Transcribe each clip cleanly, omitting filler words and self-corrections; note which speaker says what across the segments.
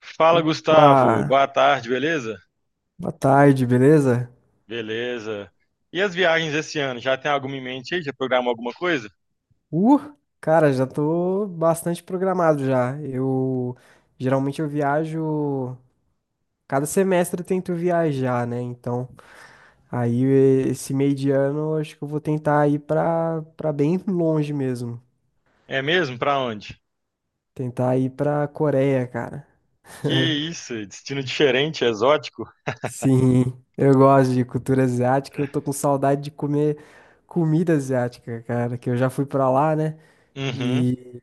Speaker 1: Fala, Gustavo.
Speaker 2: Opa,
Speaker 1: Boa tarde, beleza?
Speaker 2: boa tarde, beleza?
Speaker 1: Beleza. E as viagens esse ano? Já tem alguma em mente aí? Já programou alguma coisa?
Speaker 2: Uh, Cara, já tô bastante programado já. Eu geralmente eu viajo, cada semestre eu tento viajar, né? Então, aí esse meio de ano eu acho que eu vou tentar ir pra bem longe mesmo.
Speaker 1: É mesmo? Pra onde?
Speaker 2: Tentar ir pra Coreia, cara.
Speaker 1: Que isso? Destino diferente, exótico?
Speaker 2: Sim, eu gosto de cultura asiática, eu tô com saudade de comer comida asiática, cara, que eu já fui pra lá, né?
Speaker 1: Uhum.
Speaker 2: E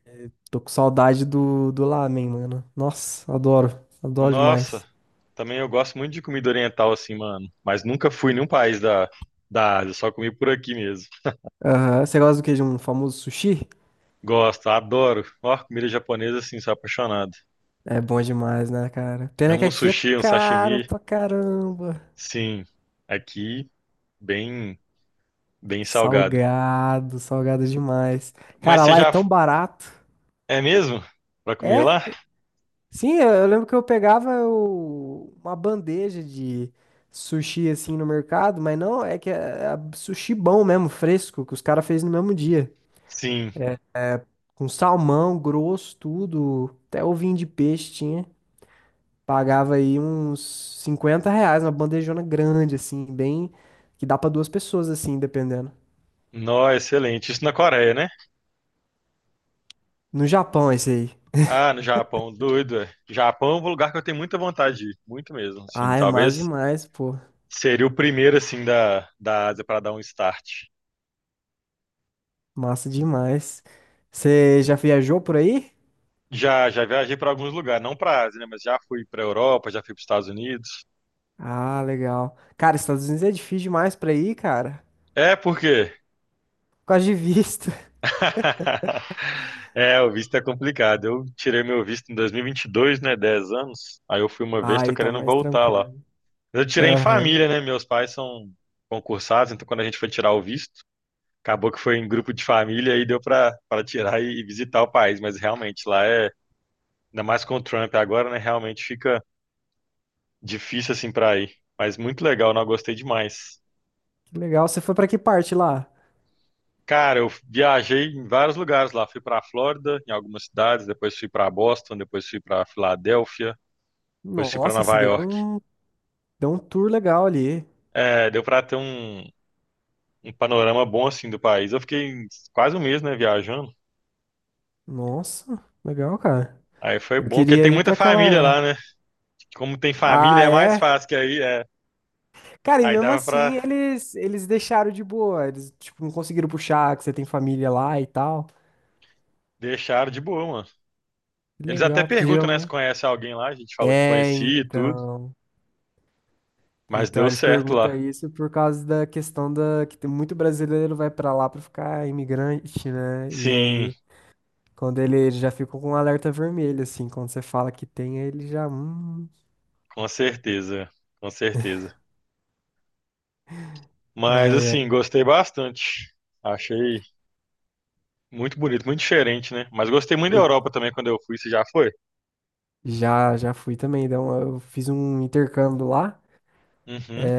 Speaker 2: tô com saudade do lamen, mano. Nossa, adoro. Adoro
Speaker 1: Nossa.
Speaker 2: demais.
Speaker 1: Também eu gosto muito de comida oriental assim, mano. Mas nunca fui em nenhum país da Ásia. Só comi por aqui mesmo.
Speaker 2: Aham, você gosta do que? De um famoso sushi?
Speaker 1: Gosto, adoro. Ó, comida japonesa assim, sou apaixonado.
Speaker 2: É bom demais, né, cara? Pena que
Speaker 1: Amo um
Speaker 2: aqui é
Speaker 1: sushi, um
Speaker 2: caro
Speaker 1: sashimi.
Speaker 2: pra caramba.
Speaker 1: Sim. Aqui, bem, bem salgado.
Speaker 2: Salgado, salgado demais.
Speaker 1: Mas
Speaker 2: Cara,
Speaker 1: você
Speaker 2: lá é
Speaker 1: já...
Speaker 2: tão barato.
Speaker 1: É mesmo? Pra comer
Speaker 2: É?
Speaker 1: lá?
Speaker 2: Sim, eu lembro que eu pegava uma bandeja de sushi assim no mercado, mas não, é que é sushi bom mesmo, fresco, que os caras fez no mesmo dia.
Speaker 1: Sim.
Speaker 2: Com salmão grosso, tudo. Até ovinho de peixe tinha. Pagava aí uns R$ 50, uma bandejona grande, assim, bem. Que dá pra 2 pessoas, assim, dependendo.
Speaker 1: Nó, excelente. Isso na Coreia, né?
Speaker 2: No Japão, esse aí.
Speaker 1: Ah, no Japão, doido. É. Japão é um lugar que eu tenho muita vontade de ir, muito mesmo. Sim,
Speaker 2: Ah, é massa
Speaker 1: talvez
Speaker 2: demais, pô.
Speaker 1: seria o primeiro assim da Ásia para dar um start.
Speaker 2: Massa demais. Você já viajou por aí?
Speaker 1: Já já viajei para alguns lugares, não para Ásia, né, mas já fui para Europa, já fui para os Estados Unidos.
Speaker 2: Ah, legal. Cara, Estados Unidos é difícil demais pra ir, cara.
Speaker 1: É, por quê?
Speaker 2: Por causa de visto.
Speaker 1: É, o visto é complicado. Eu tirei meu visto em dois mil e vinte e dois, né, 10 anos. Aí eu fui uma
Speaker 2: Ah,
Speaker 1: vez, tô
Speaker 2: aí tá
Speaker 1: querendo
Speaker 2: mais
Speaker 1: voltar lá.
Speaker 2: tranquilo.
Speaker 1: Eu tirei em
Speaker 2: Aham.
Speaker 1: família, né? Meus pais são concursados, então quando a gente foi tirar o visto, acabou que foi em grupo de família e deu para tirar e visitar o país, mas realmente lá é, ainda mais com o Trump agora, né? Realmente fica difícil assim para ir. Mas muito legal, não, gostei demais.
Speaker 2: Que legal. Você foi pra que parte lá?
Speaker 1: Cara, eu viajei em vários lugares lá, fui para Flórida, em algumas cidades, depois fui para Boston, depois fui para Filadélfia, depois fui para
Speaker 2: Nossa, se
Speaker 1: Nova
Speaker 2: deu
Speaker 1: York.
Speaker 2: um, deu um tour legal ali.
Speaker 1: É, deu para ter um, um panorama bom assim do país. Eu fiquei quase um mês, né, viajando.
Speaker 2: Nossa, legal, cara.
Speaker 1: Aí foi
Speaker 2: Eu
Speaker 1: bom, porque
Speaker 2: queria
Speaker 1: tem
Speaker 2: ir
Speaker 1: muita
Speaker 2: pra
Speaker 1: família lá,
Speaker 2: aquela.
Speaker 1: né? Como tem
Speaker 2: Ah,
Speaker 1: família, é mais
Speaker 2: é?
Speaker 1: fácil, que aí é...
Speaker 2: Cara, e
Speaker 1: Aí
Speaker 2: mesmo
Speaker 1: dava
Speaker 2: assim
Speaker 1: pra
Speaker 2: eles deixaram de boa. Eles, tipo, não conseguiram puxar que você tem família lá e tal.
Speaker 1: deixar de boa, mano.
Speaker 2: Que
Speaker 1: Eles até
Speaker 2: legal, porque
Speaker 1: perguntam, né, se
Speaker 2: geralmente.
Speaker 1: conhece alguém lá. A gente falou que
Speaker 2: É,
Speaker 1: conhecia e tudo,
Speaker 2: então.
Speaker 1: mas
Speaker 2: Então
Speaker 1: deu
Speaker 2: eles
Speaker 1: certo
Speaker 2: perguntam
Speaker 1: lá.
Speaker 2: isso por causa da questão da que tem muito brasileiro vai pra lá pra ficar imigrante, né? E
Speaker 1: Sim,
Speaker 2: aí, quando ele já ficou com um alerta vermelho, assim, quando você fala que tem, aí ele já.
Speaker 1: com certeza, com certeza. Mas
Speaker 2: Ai, ai.
Speaker 1: assim, gostei bastante. Achei muito bonito, muito diferente, né? Mas gostei muito da
Speaker 2: Eu,
Speaker 1: Europa também quando eu fui. Você já foi?
Speaker 2: já, fui também. Então, eu fiz um intercâmbio lá,
Speaker 1: Uhum.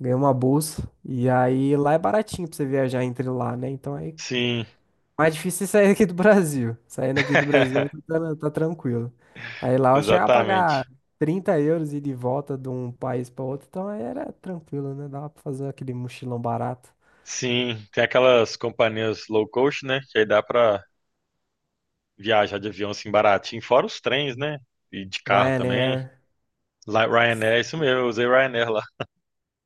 Speaker 2: ganhei uma bolsa. E aí lá é baratinho pra você viajar entre lá, né? Então aí
Speaker 1: Sim,
Speaker 2: mais difícil é sair aqui do Brasil. Saindo aqui do Brasil aí tá tranquilo. Aí lá eu chegava a pagar
Speaker 1: exatamente.
Speaker 2: 30 euros e de volta de um país pra outro, então aí era tranquilo, né? Dava pra fazer aquele mochilão barato.
Speaker 1: Sim, tem aquelas companhias low cost, né? Que aí dá pra viajar de avião assim baratinho, fora os trens, né? E de carro também.
Speaker 2: Ryanair.
Speaker 1: Lá- Ryanair, isso mesmo, eu usei Ryanair lá.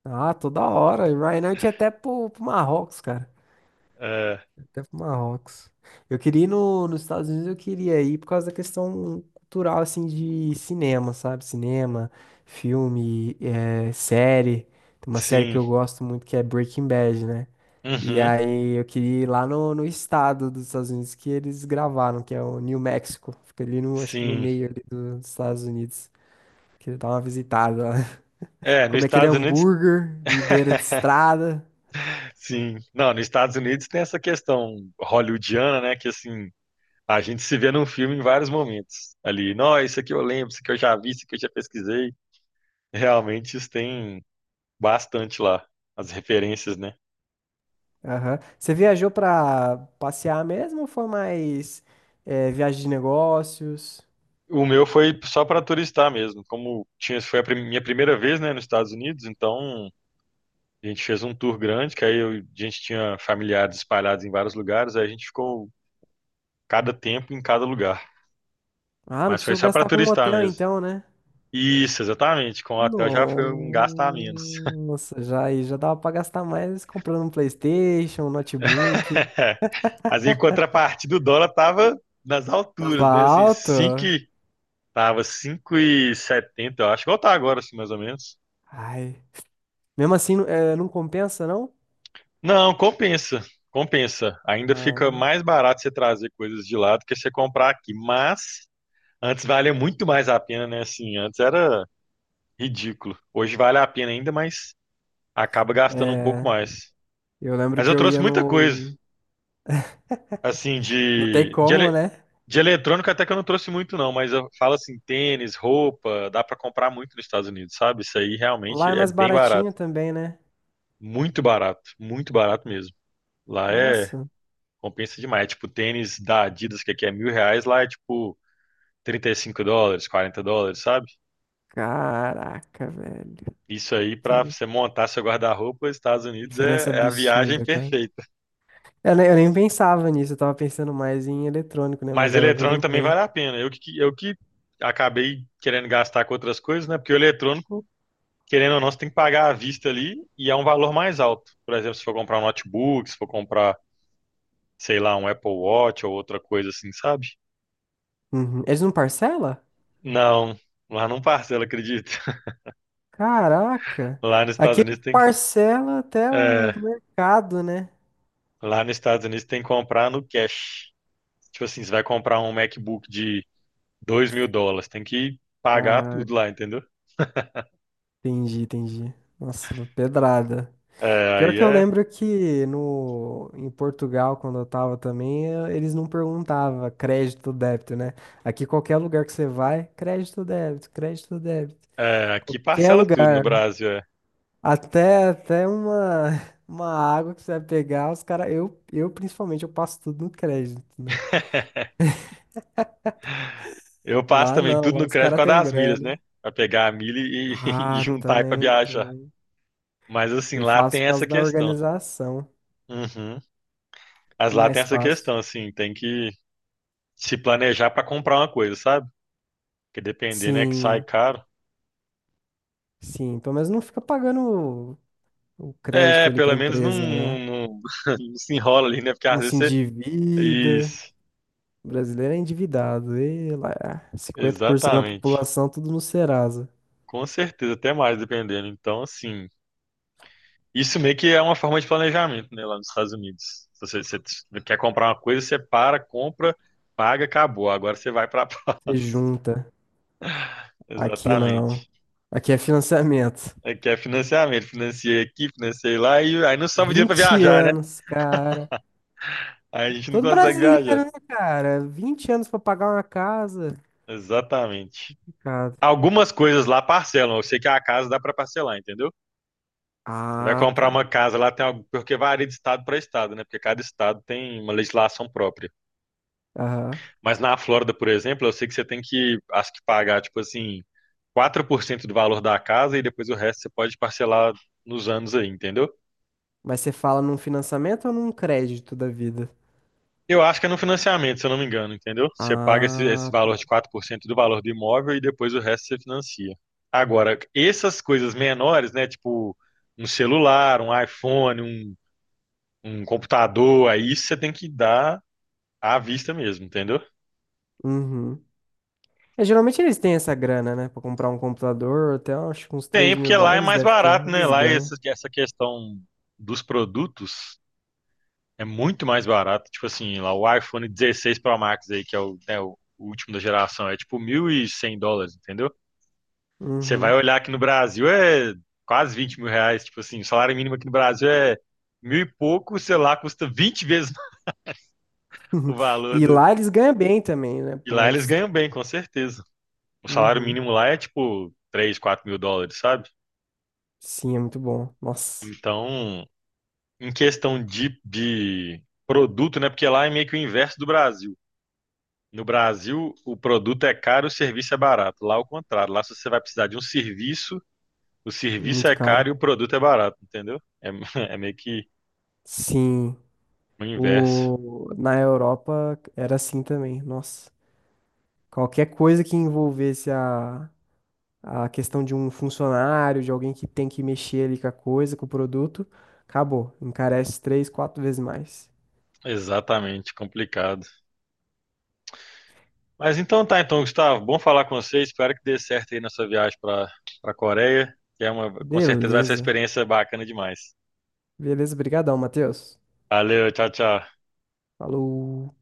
Speaker 2: Ah, toda hora. Ryanair tinha até pro Marrocos, cara.
Speaker 1: É,
Speaker 2: Até pro Marrocos. Eu queria ir no, nos Estados Unidos, eu queria ir por causa da questão cultural, assim, de cinema, sabe? Cinema, filme, série. Tem uma série que
Speaker 1: sim,
Speaker 2: eu gosto muito que é Breaking Bad, né? E
Speaker 1: uhum,
Speaker 2: aí eu queria ir lá no estado dos Estados Unidos que eles gravaram, que é o New Mexico. Fica ali no, acho que no
Speaker 1: sim.
Speaker 2: meio ali dos Estados Unidos. Queria dar uma visitada lá.
Speaker 1: É, nos
Speaker 2: Comer aquele
Speaker 1: Estados Unidos.
Speaker 2: hambúrguer de beira de estrada.
Speaker 1: Sim. Não, nos Estados Unidos tem essa questão hollywoodiana, né? Que assim, a gente se vê num filme em vários momentos. Ali, não, isso aqui eu lembro, isso aqui eu já vi, isso aqui eu já pesquisei. Realmente isso tem bastante lá, as referências, né?
Speaker 2: Aham. Você viajou pra passear mesmo ou foi mais viagem de negócios?
Speaker 1: O meu foi só para turistar mesmo. Como tinha, foi a minha primeira vez, né, nos Estados Unidos, então a gente fez um tour grande, que aí a gente tinha familiares espalhados em vários lugares, aí a gente ficou cada tempo em cada lugar.
Speaker 2: Ah, não
Speaker 1: Mas foi
Speaker 2: precisou
Speaker 1: só para
Speaker 2: gastar com um
Speaker 1: turistar
Speaker 2: hotel
Speaker 1: mesmo.
Speaker 2: então, né?
Speaker 1: Isso, exatamente. Com o hotel já foi um gasto a menos.
Speaker 2: Nossa, já aí já dava pra gastar mais comprando um PlayStation, um notebook.
Speaker 1: Mas em contrapartida, o dólar tava nas
Speaker 2: Tava
Speaker 1: alturas, né? Assim,
Speaker 2: alto.
Speaker 1: 5, tava 5,70, eu acho. Igual tá agora, assim, mais ou menos.
Speaker 2: Ai. Mesmo assim, não não compensa, não?
Speaker 1: Não, compensa, compensa. Ainda fica
Speaker 2: Ah,
Speaker 1: mais barato você trazer coisas de lá do que você comprar aqui. Mas antes valia muito mais a pena, né? Assim, antes era ridículo. Hoje vale a pena ainda, mas acaba gastando um pouco mais.
Speaker 2: eu lembro
Speaker 1: Mas
Speaker 2: que
Speaker 1: eu
Speaker 2: eu
Speaker 1: trouxe
Speaker 2: ia
Speaker 1: muita coisa,
Speaker 2: no.
Speaker 1: assim,
Speaker 2: Não tem como, né?
Speaker 1: de eletrônico até que eu não trouxe muito, não. Mas eu falo assim, tênis, roupa, dá pra comprar muito nos Estados Unidos, sabe? Isso aí realmente
Speaker 2: Lá é
Speaker 1: é
Speaker 2: mais
Speaker 1: bem barato.
Speaker 2: baratinho também, né?
Speaker 1: Muito barato, muito barato mesmo. Lá é...
Speaker 2: Nossa.
Speaker 1: Compensa demais. É, tipo, tênis da Adidas, que aqui é 1.000 reais, lá é tipo US$ 35, US$ 40, sabe?
Speaker 2: Caraca, velho.
Speaker 1: Isso aí, pra você montar seu guarda-roupa, Estados Unidos
Speaker 2: Diferença
Speaker 1: é, é a viagem
Speaker 2: absurda, cara.
Speaker 1: perfeita.
Speaker 2: Eu, eu nem pensava nisso, eu tava pensando mais em eletrônico, né?
Speaker 1: Mas
Speaker 2: Mas agora que eu
Speaker 1: eletrônico também
Speaker 2: lembrei.
Speaker 1: vale a pena. Eu que acabei querendo gastar com outras coisas, né? Porque o eletrônico, querendo ou não, você tem que pagar à vista ali e é um valor mais alto. Por exemplo, se for comprar um notebook, se for comprar, sei lá, um Apple Watch ou outra coisa assim, sabe?
Speaker 2: Uhum. Eles não parcela?
Speaker 1: Não, lá não parcela, acredito.
Speaker 2: Caraca!
Speaker 1: Lá nos Estados
Speaker 2: Aqui ele
Speaker 1: Unidos tem que...
Speaker 2: parcela até o
Speaker 1: É,
Speaker 2: mercado, né?
Speaker 1: lá nos Estados Unidos tem que comprar no cash. Tipo assim, você vai comprar um MacBook de US$ 2.000, tem que pagar
Speaker 2: Caraca,
Speaker 1: tudo lá, entendeu?
Speaker 2: entendi, entendi. Nossa, pedrada.
Speaker 1: É,
Speaker 2: Pior
Speaker 1: aí
Speaker 2: que eu
Speaker 1: é,
Speaker 2: lembro que no, em Portugal, quando eu tava também, eles não perguntavam crédito ou débito, né? Aqui qualquer lugar que você vai, crédito ou débito, crédito ou débito.
Speaker 1: é... Aqui
Speaker 2: Qualquer
Speaker 1: parcela tudo no
Speaker 2: lugar.
Speaker 1: Brasil. É.
Speaker 2: Até uma, uma água que você vai pegar, os caras. Eu principalmente, eu passo tudo no crédito, né?
Speaker 1: Eu passo
Speaker 2: Lá
Speaker 1: também
Speaker 2: não,
Speaker 1: tudo
Speaker 2: lá
Speaker 1: no
Speaker 2: os
Speaker 1: crédito por
Speaker 2: caras têm
Speaker 1: causa das milhas,
Speaker 2: grana.
Speaker 1: né? Pra pegar a milha e, e
Speaker 2: Ah,
Speaker 1: juntar pra
Speaker 2: também,
Speaker 1: viajar.
Speaker 2: também.
Speaker 1: Mas assim,
Speaker 2: Eu
Speaker 1: lá tem
Speaker 2: faço por
Speaker 1: essa
Speaker 2: causa da
Speaker 1: questão.
Speaker 2: organização.
Speaker 1: Uhum. Mas
Speaker 2: É
Speaker 1: lá tem
Speaker 2: mais
Speaker 1: essa
Speaker 2: fácil.
Speaker 1: questão, assim, tem que se planejar pra comprar uma coisa, sabe? Porque depender, né, que sai
Speaker 2: Sim,
Speaker 1: caro.
Speaker 2: sim. Pelo menos não fica pagando o
Speaker 1: É,
Speaker 2: crédito ali pra
Speaker 1: pelo menos não,
Speaker 2: empresa, né?
Speaker 1: não- não se enrola ali, né? Porque às
Speaker 2: Não se
Speaker 1: vezes...
Speaker 2: endivida.
Speaker 1: Isso,
Speaker 2: O brasileiro é endividado. E lá, 50% da
Speaker 1: exatamente.
Speaker 2: população, tudo no Serasa.
Speaker 1: Com certeza, até mais, dependendo. Então, assim, isso meio que é uma forma de planejamento, né, lá nos Estados Unidos. Se você, você quer comprar uma coisa, você para, compra, paga, acabou. Agora você vai para...
Speaker 2: Você junta. Aqui não.
Speaker 1: Exatamente.
Speaker 2: Aqui é financiamento.
Speaker 1: É que é financiamento. Financiei aqui, financiei lá, e aí não sobra dinheiro para
Speaker 2: 20
Speaker 1: viajar, né?
Speaker 2: anos, cara.
Speaker 1: Aí a gente não
Speaker 2: Todo
Speaker 1: consegue viajar.
Speaker 2: brasileiro, né, cara? 20 anos pra pagar uma casa.
Speaker 1: Exatamente.
Speaker 2: Complicado.
Speaker 1: Algumas coisas lá parcelam. Eu sei que a casa dá para parcelar, entendeu? Você vai
Speaker 2: Ah,
Speaker 1: comprar
Speaker 2: tá.
Speaker 1: uma casa lá, tem algo, porque varia de estado para estado, né? Porque cada estado tem uma legislação própria.
Speaker 2: Aham.
Speaker 1: Mas na Flórida, por exemplo, eu sei que você tem que, acho que pagar, tipo assim, 4% do valor da casa e depois o resto você pode parcelar nos anos aí, entendeu?
Speaker 2: Mas você fala num financiamento ou num crédito da vida?
Speaker 1: Eu acho que é no financiamento, se eu não me engano, entendeu? Você paga esse
Speaker 2: Ah,
Speaker 1: valor de
Speaker 2: tá.
Speaker 1: 4% do valor do imóvel e depois o resto você financia. Agora, essas coisas menores, né? Tipo, um celular, um iPhone, um computador, aí você tem que dar à vista mesmo, entendeu?
Speaker 2: Uhum. É, geralmente eles têm essa grana, né? Pra comprar um computador, até acho que uns 3
Speaker 1: Tem,
Speaker 2: mil
Speaker 1: porque lá é
Speaker 2: dólares
Speaker 1: mais
Speaker 2: deve ter.
Speaker 1: barato, né?
Speaker 2: Eles
Speaker 1: Lá
Speaker 2: ganham.
Speaker 1: essa questão dos produtos é muito mais barato. Tipo assim, lá o iPhone 16 Pro Max aí, que é o, né, o último da geração, é tipo US$ 1.100, entendeu? Você vai
Speaker 2: Uhum.
Speaker 1: olhar aqui no Brasil é quase R$ 20.000. Tipo assim, o salário mínimo aqui no Brasil é mil e pouco, sei lá, custa 20 vezes o valor
Speaker 2: E
Speaker 1: do...
Speaker 2: lá eles ganham bem também, né?
Speaker 1: E
Speaker 2: Pô,
Speaker 1: lá eles
Speaker 2: eles têm.
Speaker 1: ganham bem, com certeza. O salário
Speaker 2: Uhum.
Speaker 1: mínimo lá é tipo 3, US$ 4.000, sabe?
Speaker 2: Sim, é muito bom. Nossa,
Speaker 1: Então, em questão de produto, né? Porque lá é meio que o inverso do Brasil. No Brasil, o produto é caro, o serviço é barato. Lá, é o contrário. Lá, se você vai precisar de um serviço, o serviço
Speaker 2: muito
Speaker 1: é
Speaker 2: caro.
Speaker 1: caro e o produto é barato, entendeu? É, é meio que
Speaker 2: Sim,
Speaker 1: o inverso.
Speaker 2: o... na Europa era assim também. Nossa, qualquer coisa que envolvesse a questão de um funcionário, de alguém que tem que mexer ali com a coisa, com o produto, acabou. Encarece 3, 4 vezes mais.
Speaker 1: Exatamente, complicado. Mas então tá, então, Gustavo, bom falar com você. Espero que dê certo aí na sua viagem para a Coreia, que é uma, com certeza vai ser uma
Speaker 2: Beleza.
Speaker 1: experiência bacana demais.
Speaker 2: Beleza, brigadão, Matheus.
Speaker 1: Valeu, tchau, tchau.
Speaker 2: Falou.